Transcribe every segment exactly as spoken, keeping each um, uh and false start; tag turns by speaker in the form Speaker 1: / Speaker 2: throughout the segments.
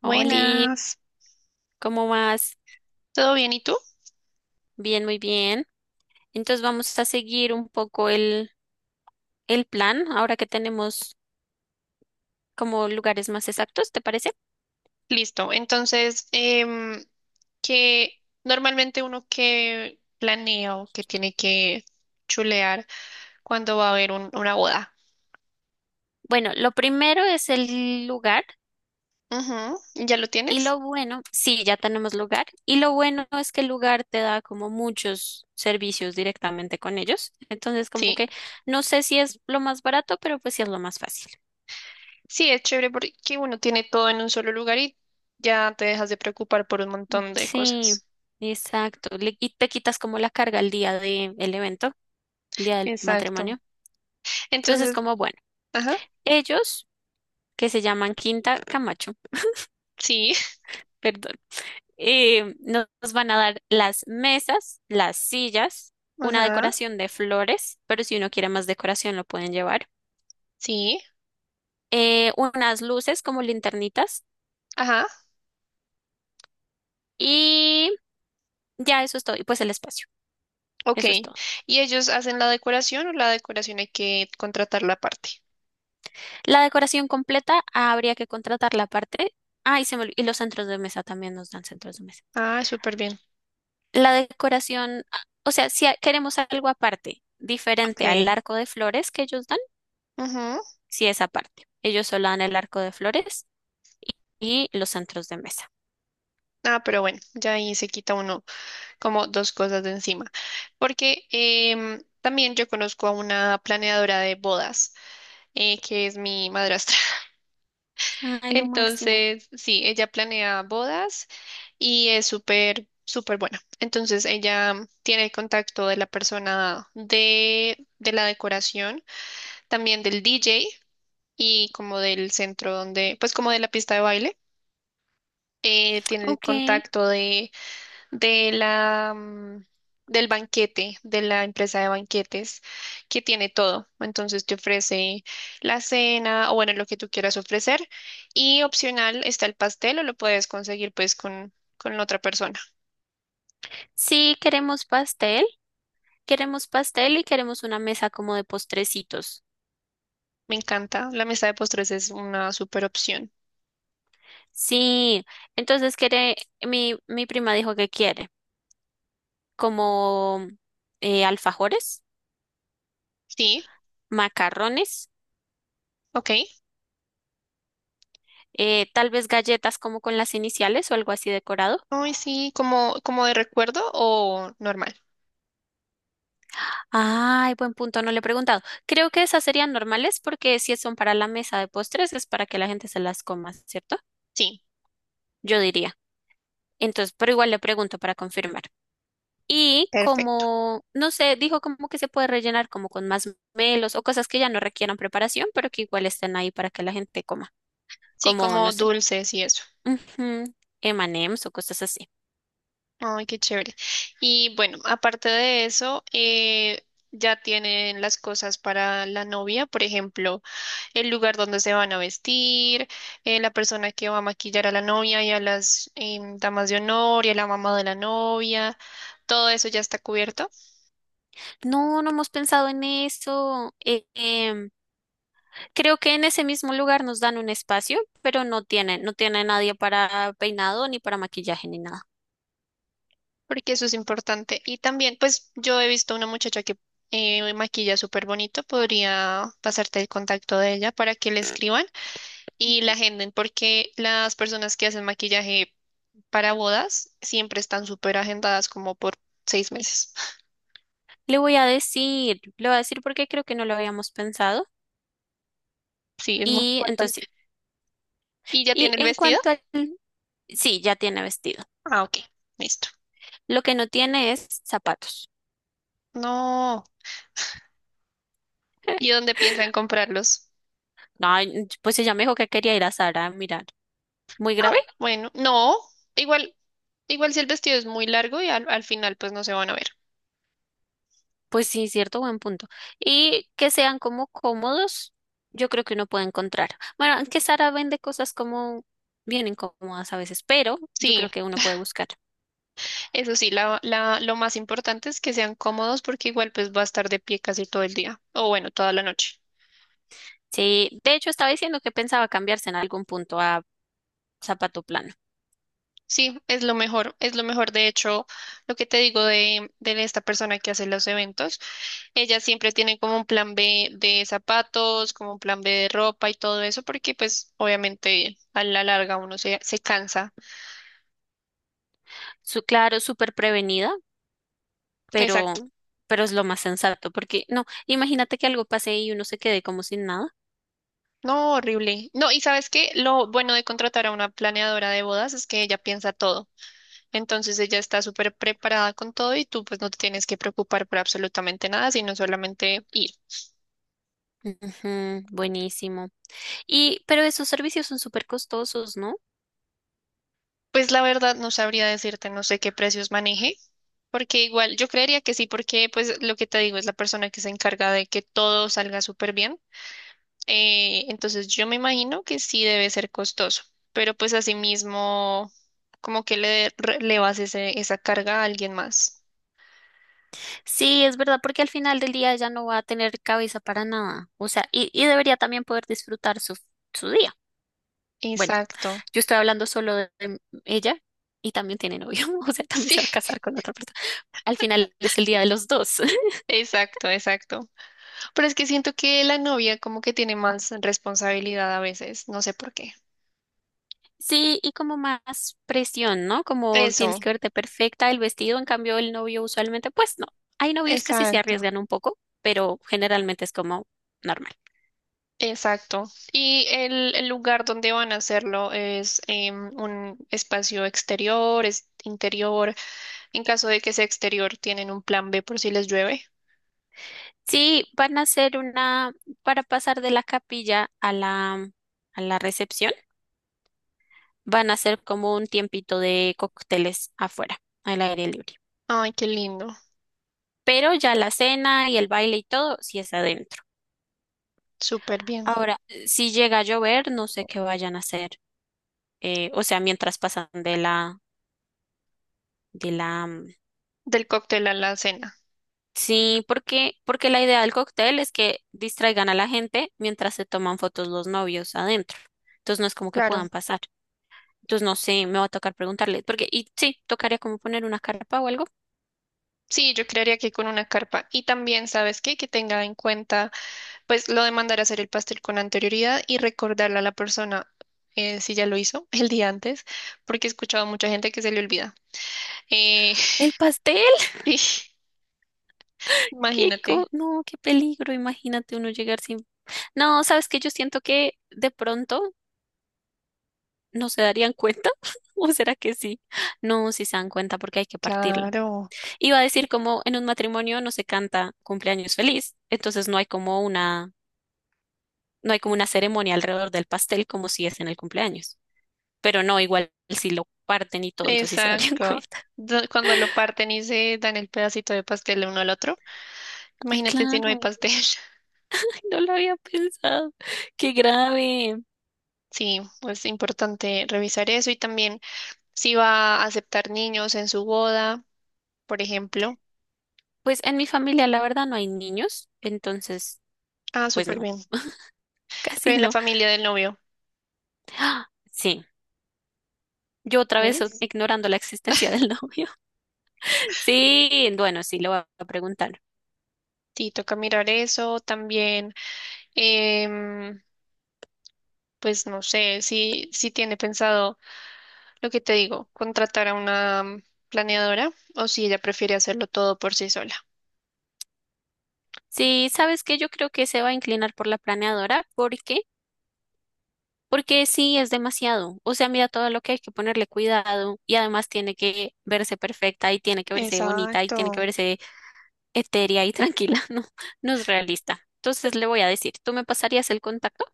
Speaker 1: Hola,
Speaker 2: Buenas,
Speaker 1: ¿cómo vas?
Speaker 2: ¿todo bien? ¿Y tú?
Speaker 1: Bien, muy bien. Entonces vamos a seguir un poco el, el plan ahora que tenemos como lugares más exactos, ¿te parece?
Speaker 2: Listo. Entonces, em, que normalmente uno que planea o que tiene que chulear cuando va a haber un- una boda.
Speaker 1: Bueno, lo primero es el lugar
Speaker 2: Ujú, ¿ya lo
Speaker 1: y
Speaker 2: tienes?
Speaker 1: lo bueno, sí, ya tenemos lugar y lo bueno es que el lugar te da como muchos servicios directamente con ellos. Entonces como
Speaker 2: Sí.
Speaker 1: que no sé si es lo más barato, pero pues sí es lo más fácil.
Speaker 2: Sí, es chévere porque uno tiene todo en un solo lugar y ya te dejas de preocupar por un montón de
Speaker 1: Sí,
Speaker 2: cosas.
Speaker 1: exacto. Le- y te quitas como la carga el día del evento, el día del
Speaker 2: Exacto.
Speaker 1: matrimonio. Entonces es
Speaker 2: Entonces,
Speaker 1: como bueno.
Speaker 2: ajá,
Speaker 1: Ellos, que se llaman Quinta Camacho,
Speaker 2: sí,
Speaker 1: perdón, eh, nos van a dar las mesas, las sillas, una
Speaker 2: ajá,
Speaker 1: decoración de flores, pero si uno quiere más decoración lo pueden llevar,
Speaker 2: sí,
Speaker 1: eh, unas luces como linternitas
Speaker 2: ajá.
Speaker 1: y ya eso es todo, y pues el espacio,
Speaker 2: Ok.
Speaker 1: eso es todo.
Speaker 2: ¿Y ellos hacen la decoración o la decoración hay que contratarla aparte?
Speaker 1: La decoración completa habría que contratar la parte. Ah, y, se me olvi- y los centros de mesa también nos dan centros de mesa.
Speaker 2: Ah, súper bien.
Speaker 1: La decoración, ah, o sea, si a- queremos algo aparte, diferente al
Speaker 2: Ok.
Speaker 1: arco de flores que ellos dan.
Speaker 2: Ujú.
Speaker 1: Sí, esa parte. Ellos solo dan el arco de flores y, y los centros de mesa.
Speaker 2: Ah, pero bueno, ya ahí se quita uno como dos cosas de encima. Porque em, también yo conozco a una planeadora de bodas, eh, que es mi madrastra.
Speaker 1: Ay, lo máximo.
Speaker 2: Entonces, sí, ella planea bodas y es súper, súper buena. Entonces, ella tiene el contacto de la persona de, de la decoración, también del D J, y como del centro donde, pues como de la pista de baile, eh, tiene el
Speaker 1: Ok.
Speaker 2: contacto de, de la, mm, del banquete, de la empresa de banquetes, que tiene todo. Entonces te ofrece la cena o bueno, lo que tú quieras ofrecer. Y opcional está el pastel o lo puedes conseguir pues con, con la otra persona.
Speaker 1: Sí, queremos pastel. Queremos pastel y queremos una mesa como de postrecitos.
Speaker 2: Me encanta, la mesa de postres es una super opción.
Speaker 1: Sí, entonces quiere, mi, mi prima dijo que quiere como eh, alfajores,
Speaker 2: Sí,
Speaker 1: macarrones,
Speaker 2: ok.
Speaker 1: eh, tal vez galletas como con las iniciales o algo así decorado.
Speaker 2: Ay, sí, como, como de recuerdo o normal.
Speaker 1: Ay, buen punto, no le he preguntado. Creo que esas serían normales porque si son para la mesa de postres es para que la gente se las coma, ¿cierto?
Speaker 2: Sí,
Speaker 1: Yo diría. Entonces, pero igual le pregunto para confirmar. Y
Speaker 2: perfecto.
Speaker 1: como, no sé, dijo como que se puede rellenar como con más melos o cosas que ya no requieran preparación, pero que igual estén ahí para que la gente coma,
Speaker 2: Sí,
Speaker 1: como,
Speaker 2: como
Speaker 1: no sé,
Speaker 2: dulces y eso.
Speaker 1: ujú, eme y eme's o cosas así.
Speaker 2: Ay, qué chévere. Y bueno, aparte de eso, eh, ya tienen las cosas para la novia, por ejemplo, el lugar donde se van a vestir, eh, la persona que va a maquillar a la novia y a las em, damas de honor y a la mamá de la novia. Todo eso ya está cubierto,
Speaker 1: No, no hemos pensado en eso. Eh, em, Creo que en ese mismo lugar nos dan un espacio, pero no tiene, no tiene nadie para peinado, ni para maquillaje, ni nada.
Speaker 2: porque eso es importante. Y también, pues yo he visto una muchacha que eh, maquilla súper bonito, podría pasarte el contacto de ella para que le escriban y la agenden porque las personas que hacen maquillaje para bodas siempre están súper agendadas como por seis meses.
Speaker 1: Le voy a decir, le voy a decir porque creo que no lo habíamos pensado.
Speaker 2: Sí, es muy
Speaker 1: Y entonces,
Speaker 2: importante.
Speaker 1: sí.
Speaker 2: ¿Y ya
Speaker 1: y
Speaker 2: tiene el
Speaker 1: en
Speaker 2: vestido?
Speaker 1: cuanto al, sí, ya tiene vestido.
Speaker 2: Ah, ok, listo.
Speaker 1: Lo que no tiene es zapatos.
Speaker 2: No. ¿Y dónde piensan comprarlos?
Speaker 1: Ay, pues ella me dijo que quería ir a Sara a mirar. Muy
Speaker 2: Ah,
Speaker 1: grave.
Speaker 2: bueno, no. Igual, igual si el vestido es muy largo y al, al final pues no se van a ver.
Speaker 1: Pues sí, cierto, buen punto. Y que sean como cómodos, yo creo que uno puede encontrar. Bueno, aunque Sara vende cosas como bien incómodas a veces, pero yo
Speaker 2: Sí,
Speaker 1: creo que uno puede buscar.
Speaker 2: eso sí, la, la, lo más importante es que sean cómodos porque igual pues va a estar de pie casi todo el día o bueno, toda la noche.
Speaker 1: Sí, de hecho estaba diciendo que pensaba cambiarse en algún punto a zapato plano.
Speaker 2: Sí, es lo mejor, es lo mejor. De hecho, lo que te digo de, de esta persona que hace los eventos, ella siempre tiene como un plan B de zapatos, como un plan B de ropa y todo eso, porque pues obviamente a la larga uno se, se cansa.
Speaker 1: Su, claro, súper prevenida,
Speaker 2: Exacto.
Speaker 1: pero, pero es lo más sensato, porque no, imagínate que algo pase y uno se quede como sin nada.
Speaker 2: No, horrible. No, y sabes qué, lo bueno de contratar a una planeadora de bodas es que ella piensa todo. Entonces ella está súper preparada con todo y tú pues no te tienes que preocupar por absolutamente nada, sino solamente ir.
Speaker 1: Ujú, buenísimo. Y, pero esos servicios son súper costosos, ¿no?
Speaker 2: Pues la verdad no sabría decirte, no sé qué precios maneje. Porque igual, yo creería que sí, porque pues lo que te digo es la persona que se encarga de que todo salga súper bien. Eh, entonces yo me imagino que sí debe ser costoso, pero pues asimismo como que le relevas ese, esa carga a alguien más.
Speaker 1: Sí, es verdad, porque al final del día ya no va a tener cabeza para nada. O sea, y, y debería también poder disfrutar su, su día. Bueno,
Speaker 2: Exacto.
Speaker 1: yo estoy hablando solo de de ella y también tiene novio, o sea, también
Speaker 2: Sí,
Speaker 1: se va a casar con otra persona. Al final es el día de los dos.
Speaker 2: exacto, exacto. Pero es que siento que la novia como que tiene más responsabilidad a veces, no sé por qué.
Speaker 1: Sí, y como más presión, ¿no? Como tienes
Speaker 2: Eso,
Speaker 1: que verte perfecta, el vestido, en cambio, el novio usualmente, pues no. Hay novios que sí se
Speaker 2: exacto.
Speaker 1: arriesgan un poco, pero generalmente es como normal.
Speaker 2: Exacto. Y el, el lugar donde van a hacerlo es em, un espacio exterior, es interior. En caso de que sea exterior, tienen un plan B por si les llueve.
Speaker 1: Sí, van a hacer una, para pasar de la capilla a la, a la recepción, van a hacer como un tiempito de cócteles afuera, al aire libre.
Speaker 2: Ay, qué lindo.
Speaker 1: Pero ya la cena y el baile y todo, sí es adentro.
Speaker 2: Súper bien.
Speaker 1: Ahora, si llega a llover, no sé qué vayan a hacer. Eh, o sea, mientras pasan de la, de la, mm,
Speaker 2: Del cóctel a la cena.
Speaker 1: sí, porque, porque la idea del cóctel es que distraigan a la gente mientras se toman fotos los novios adentro. Entonces no es como que
Speaker 2: Claro.
Speaker 1: puedan pasar. Entonces no sé, me va a tocar preguntarle, porque, y sí, tocaría como poner una carpa o algo.
Speaker 2: Sí, yo creería que con una carpa. Y también, ¿sabes qué? Que tenga en cuenta, pues, lo de mandar a hacer el pastel con anterioridad y recordarle a la persona, eh, si ya lo hizo el día antes, porque he escuchado a mucha gente que se le olvida. Eh,
Speaker 1: El pastel,
Speaker 2: sí,
Speaker 1: qué
Speaker 2: imagínate.
Speaker 1: co- no, qué peligro, imagínate uno llegar sin. No, sabes que yo siento que de pronto no se darían cuenta, o será que sí. No, sí se dan cuenta porque hay que partirlo.
Speaker 2: Claro,
Speaker 1: Iba a decir como en un matrimonio no se canta cumpleaños feliz, entonces no hay como una, no hay como una ceremonia alrededor del pastel como si es en el cumpleaños. Pero no, igual si lo parten y todo, entonces sí se darían
Speaker 2: exacto.
Speaker 1: cuenta.
Speaker 2: Do- Cuando lo parten y se dan el pedacito de pastel el uno al otro,
Speaker 1: Ay,
Speaker 2: imagínate si no hay
Speaker 1: claro.
Speaker 2: pastel.
Speaker 1: No lo había pensado. Qué grave.
Speaker 2: Sí, pues es importante revisar eso y también si va a aceptar niños en su boda, por ejemplo.
Speaker 1: Pues en mi familia, la verdad, no hay niños, entonces,
Speaker 2: Ah,
Speaker 1: pues
Speaker 2: súper
Speaker 1: no,
Speaker 2: bien.
Speaker 1: casi
Speaker 2: Pero en la
Speaker 1: no.
Speaker 2: familia del novio,
Speaker 1: ¡Ah! Sí, yo otra vez o-
Speaker 2: ¿ves?
Speaker 1: ignorando la existencia del novio. Sí, bueno, sí, lo voy a preguntar.
Speaker 2: Sí, toca mirar eso también. em, pues no sé, si, si tiene pensado lo que te digo, contratar a una planeadora o si ella prefiere hacerlo todo por sí sola.
Speaker 1: Sí, ¿sabes qué? Yo creo que se va a inclinar por la planeadora. ¿Por qué? Porque sí, es demasiado. O sea, mira todo lo que hay que ponerle cuidado y además tiene que verse perfecta y tiene que verse bonita y tiene que
Speaker 2: Exacto.
Speaker 1: verse etérea y tranquila, no, no es realista. Entonces le voy a decir, ¿tú me pasarías el contacto?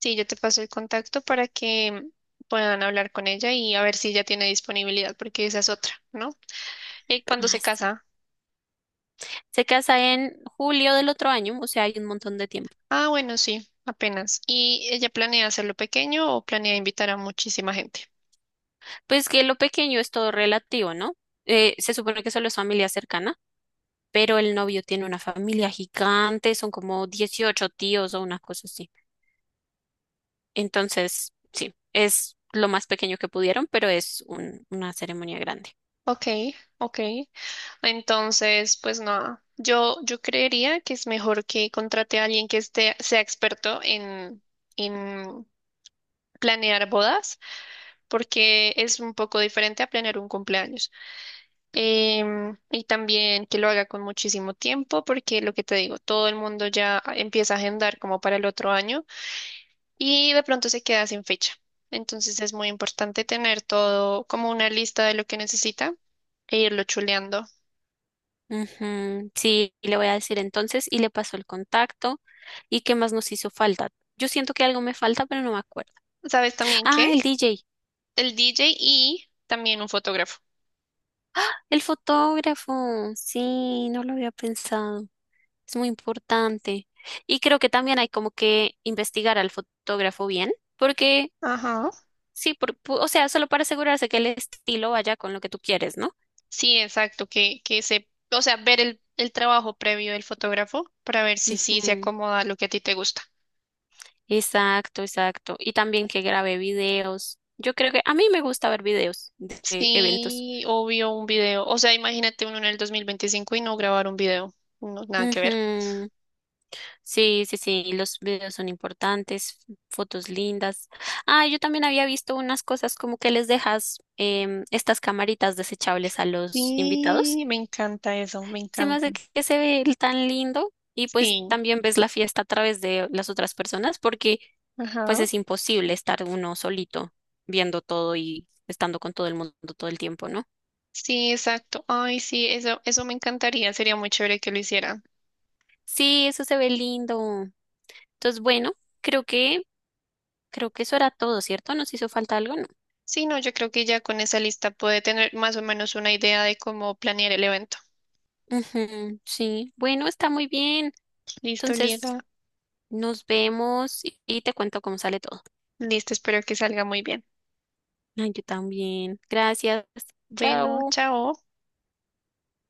Speaker 2: Sí, yo te paso el contacto para que puedan hablar con ella y a ver si ella tiene disponibilidad, porque esa es otra, ¿no? ¿Y cuándo se
Speaker 1: Ay, sí.
Speaker 2: casa?
Speaker 1: Se casa en julio del otro año, o sea, hay un montón de tiempo.
Speaker 2: Ah, bueno, sí, apenas. ¿Y ella planea hacerlo pequeño o planea invitar a muchísima gente?
Speaker 1: Pues que lo pequeño es todo relativo, ¿no? Eh, se supone que solo es familia cercana, pero el novio tiene una familia gigante, son como dieciocho tíos o una cosa así. Entonces, sí, es lo más pequeño que pudieron, pero es un- una ceremonia grande.
Speaker 2: Ok, ok. Entonces, pues nada, yo, yo creería que es mejor que contrate a alguien que esté, sea experto en, en planear bodas, porque es un poco diferente a planear un cumpleaños. Em, y también que lo haga con muchísimo tiempo, porque lo que te digo, todo el mundo ya empieza a agendar como para el otro año y de pronto se queda sin fecha. Entonces es muy importante tener todo como una lista de lo que necesita e irlo chuleando.
Speaker 1: Ujú, sí, le voy a decir entonces y le paso el contacto y qué más nos hizo falta. Yo siento que algo me falta, pero no me acuerdo.
Speaker 2: ¿Sabes también qué?
Speaker 1: Ah, el D J,
Speaker 2: El D J y también un fotógrafo.
Speaker 1: el fotógrafo. Sí, no lo había pensado. Es muy importante. Y creo que también hay como que investigar al fotógrafo bien, porque
Speaker 2: Ajá.
Speaker 1: sí, por, pu- o sea, solo para asegurarse que el estilo vaya con lo que tú quieres, ¿no?
Speaker 2: Sí, exacto, que, que se, o sea, ver el, el trabajo previo del fotógrafo para ver si sí se
Speaker 1: Ujú,
Speaker 2: acomoda a lo que a ti te gusta.
Speaker 1: exacto, exacto. Y también que grabe videos. Yo creo que a mí me gusta ver videos de de eventos.
Speaker 2: Sí, obvio, un video. O sea, imagínate uno en el dos mil veinticinco y no grabar un video. No, nada que ver.
Speaker 1: Ujú. Sí, sí, sí, los videos son importantes, fotos lindas. Ah, yo también había visto unas cosas como que les dejas em, estas camaritas desechables a los invitados.
Speaker 2: Sí, me encanta eso, me
Speaker 1: Se me
Speaker 2: encanta.
Speaker 1: hace que que se ve el tan lindo y pues
Speaker 2: Sí,
Speaker 1: también ves la fiesta a través de las otras personas porque pues
Speaker 2: ajá.
Speaker 1: es imposible estar uno solito viendo todo y estando con todo el mundo todo el tiempo, ¿no?
Speaker 2: Sí, exacto. Ay, sí, eso, eso me encantaría. Sería muy chévere que lo hicieran.
Speaker 1: Sí, eso se ve lindo. Entonces, bueno, creo que creo que eso era todo, ¿cierto? ¿Nos hizo falta algo?
Speaker 2: Sí, no, yo creo que ya con esa lista puede tener más o menos una idea de cómo planear el evento.
Speaker 1: Ujú, sí, bueno, está muy bien.
Speaker 2: Listo,
Speaker 1: Entonces,
Speaker 2: Liela.
Speaker 1: nos vemos y y te cuento cómo sale todo.
Speaker 2: Listo, espero que salga muy bien.
Speaker 1: Ay, yo también. Gracias.
Speaker 2: Bueno,
Speaker 1: Chao.
Speaker 2: chao.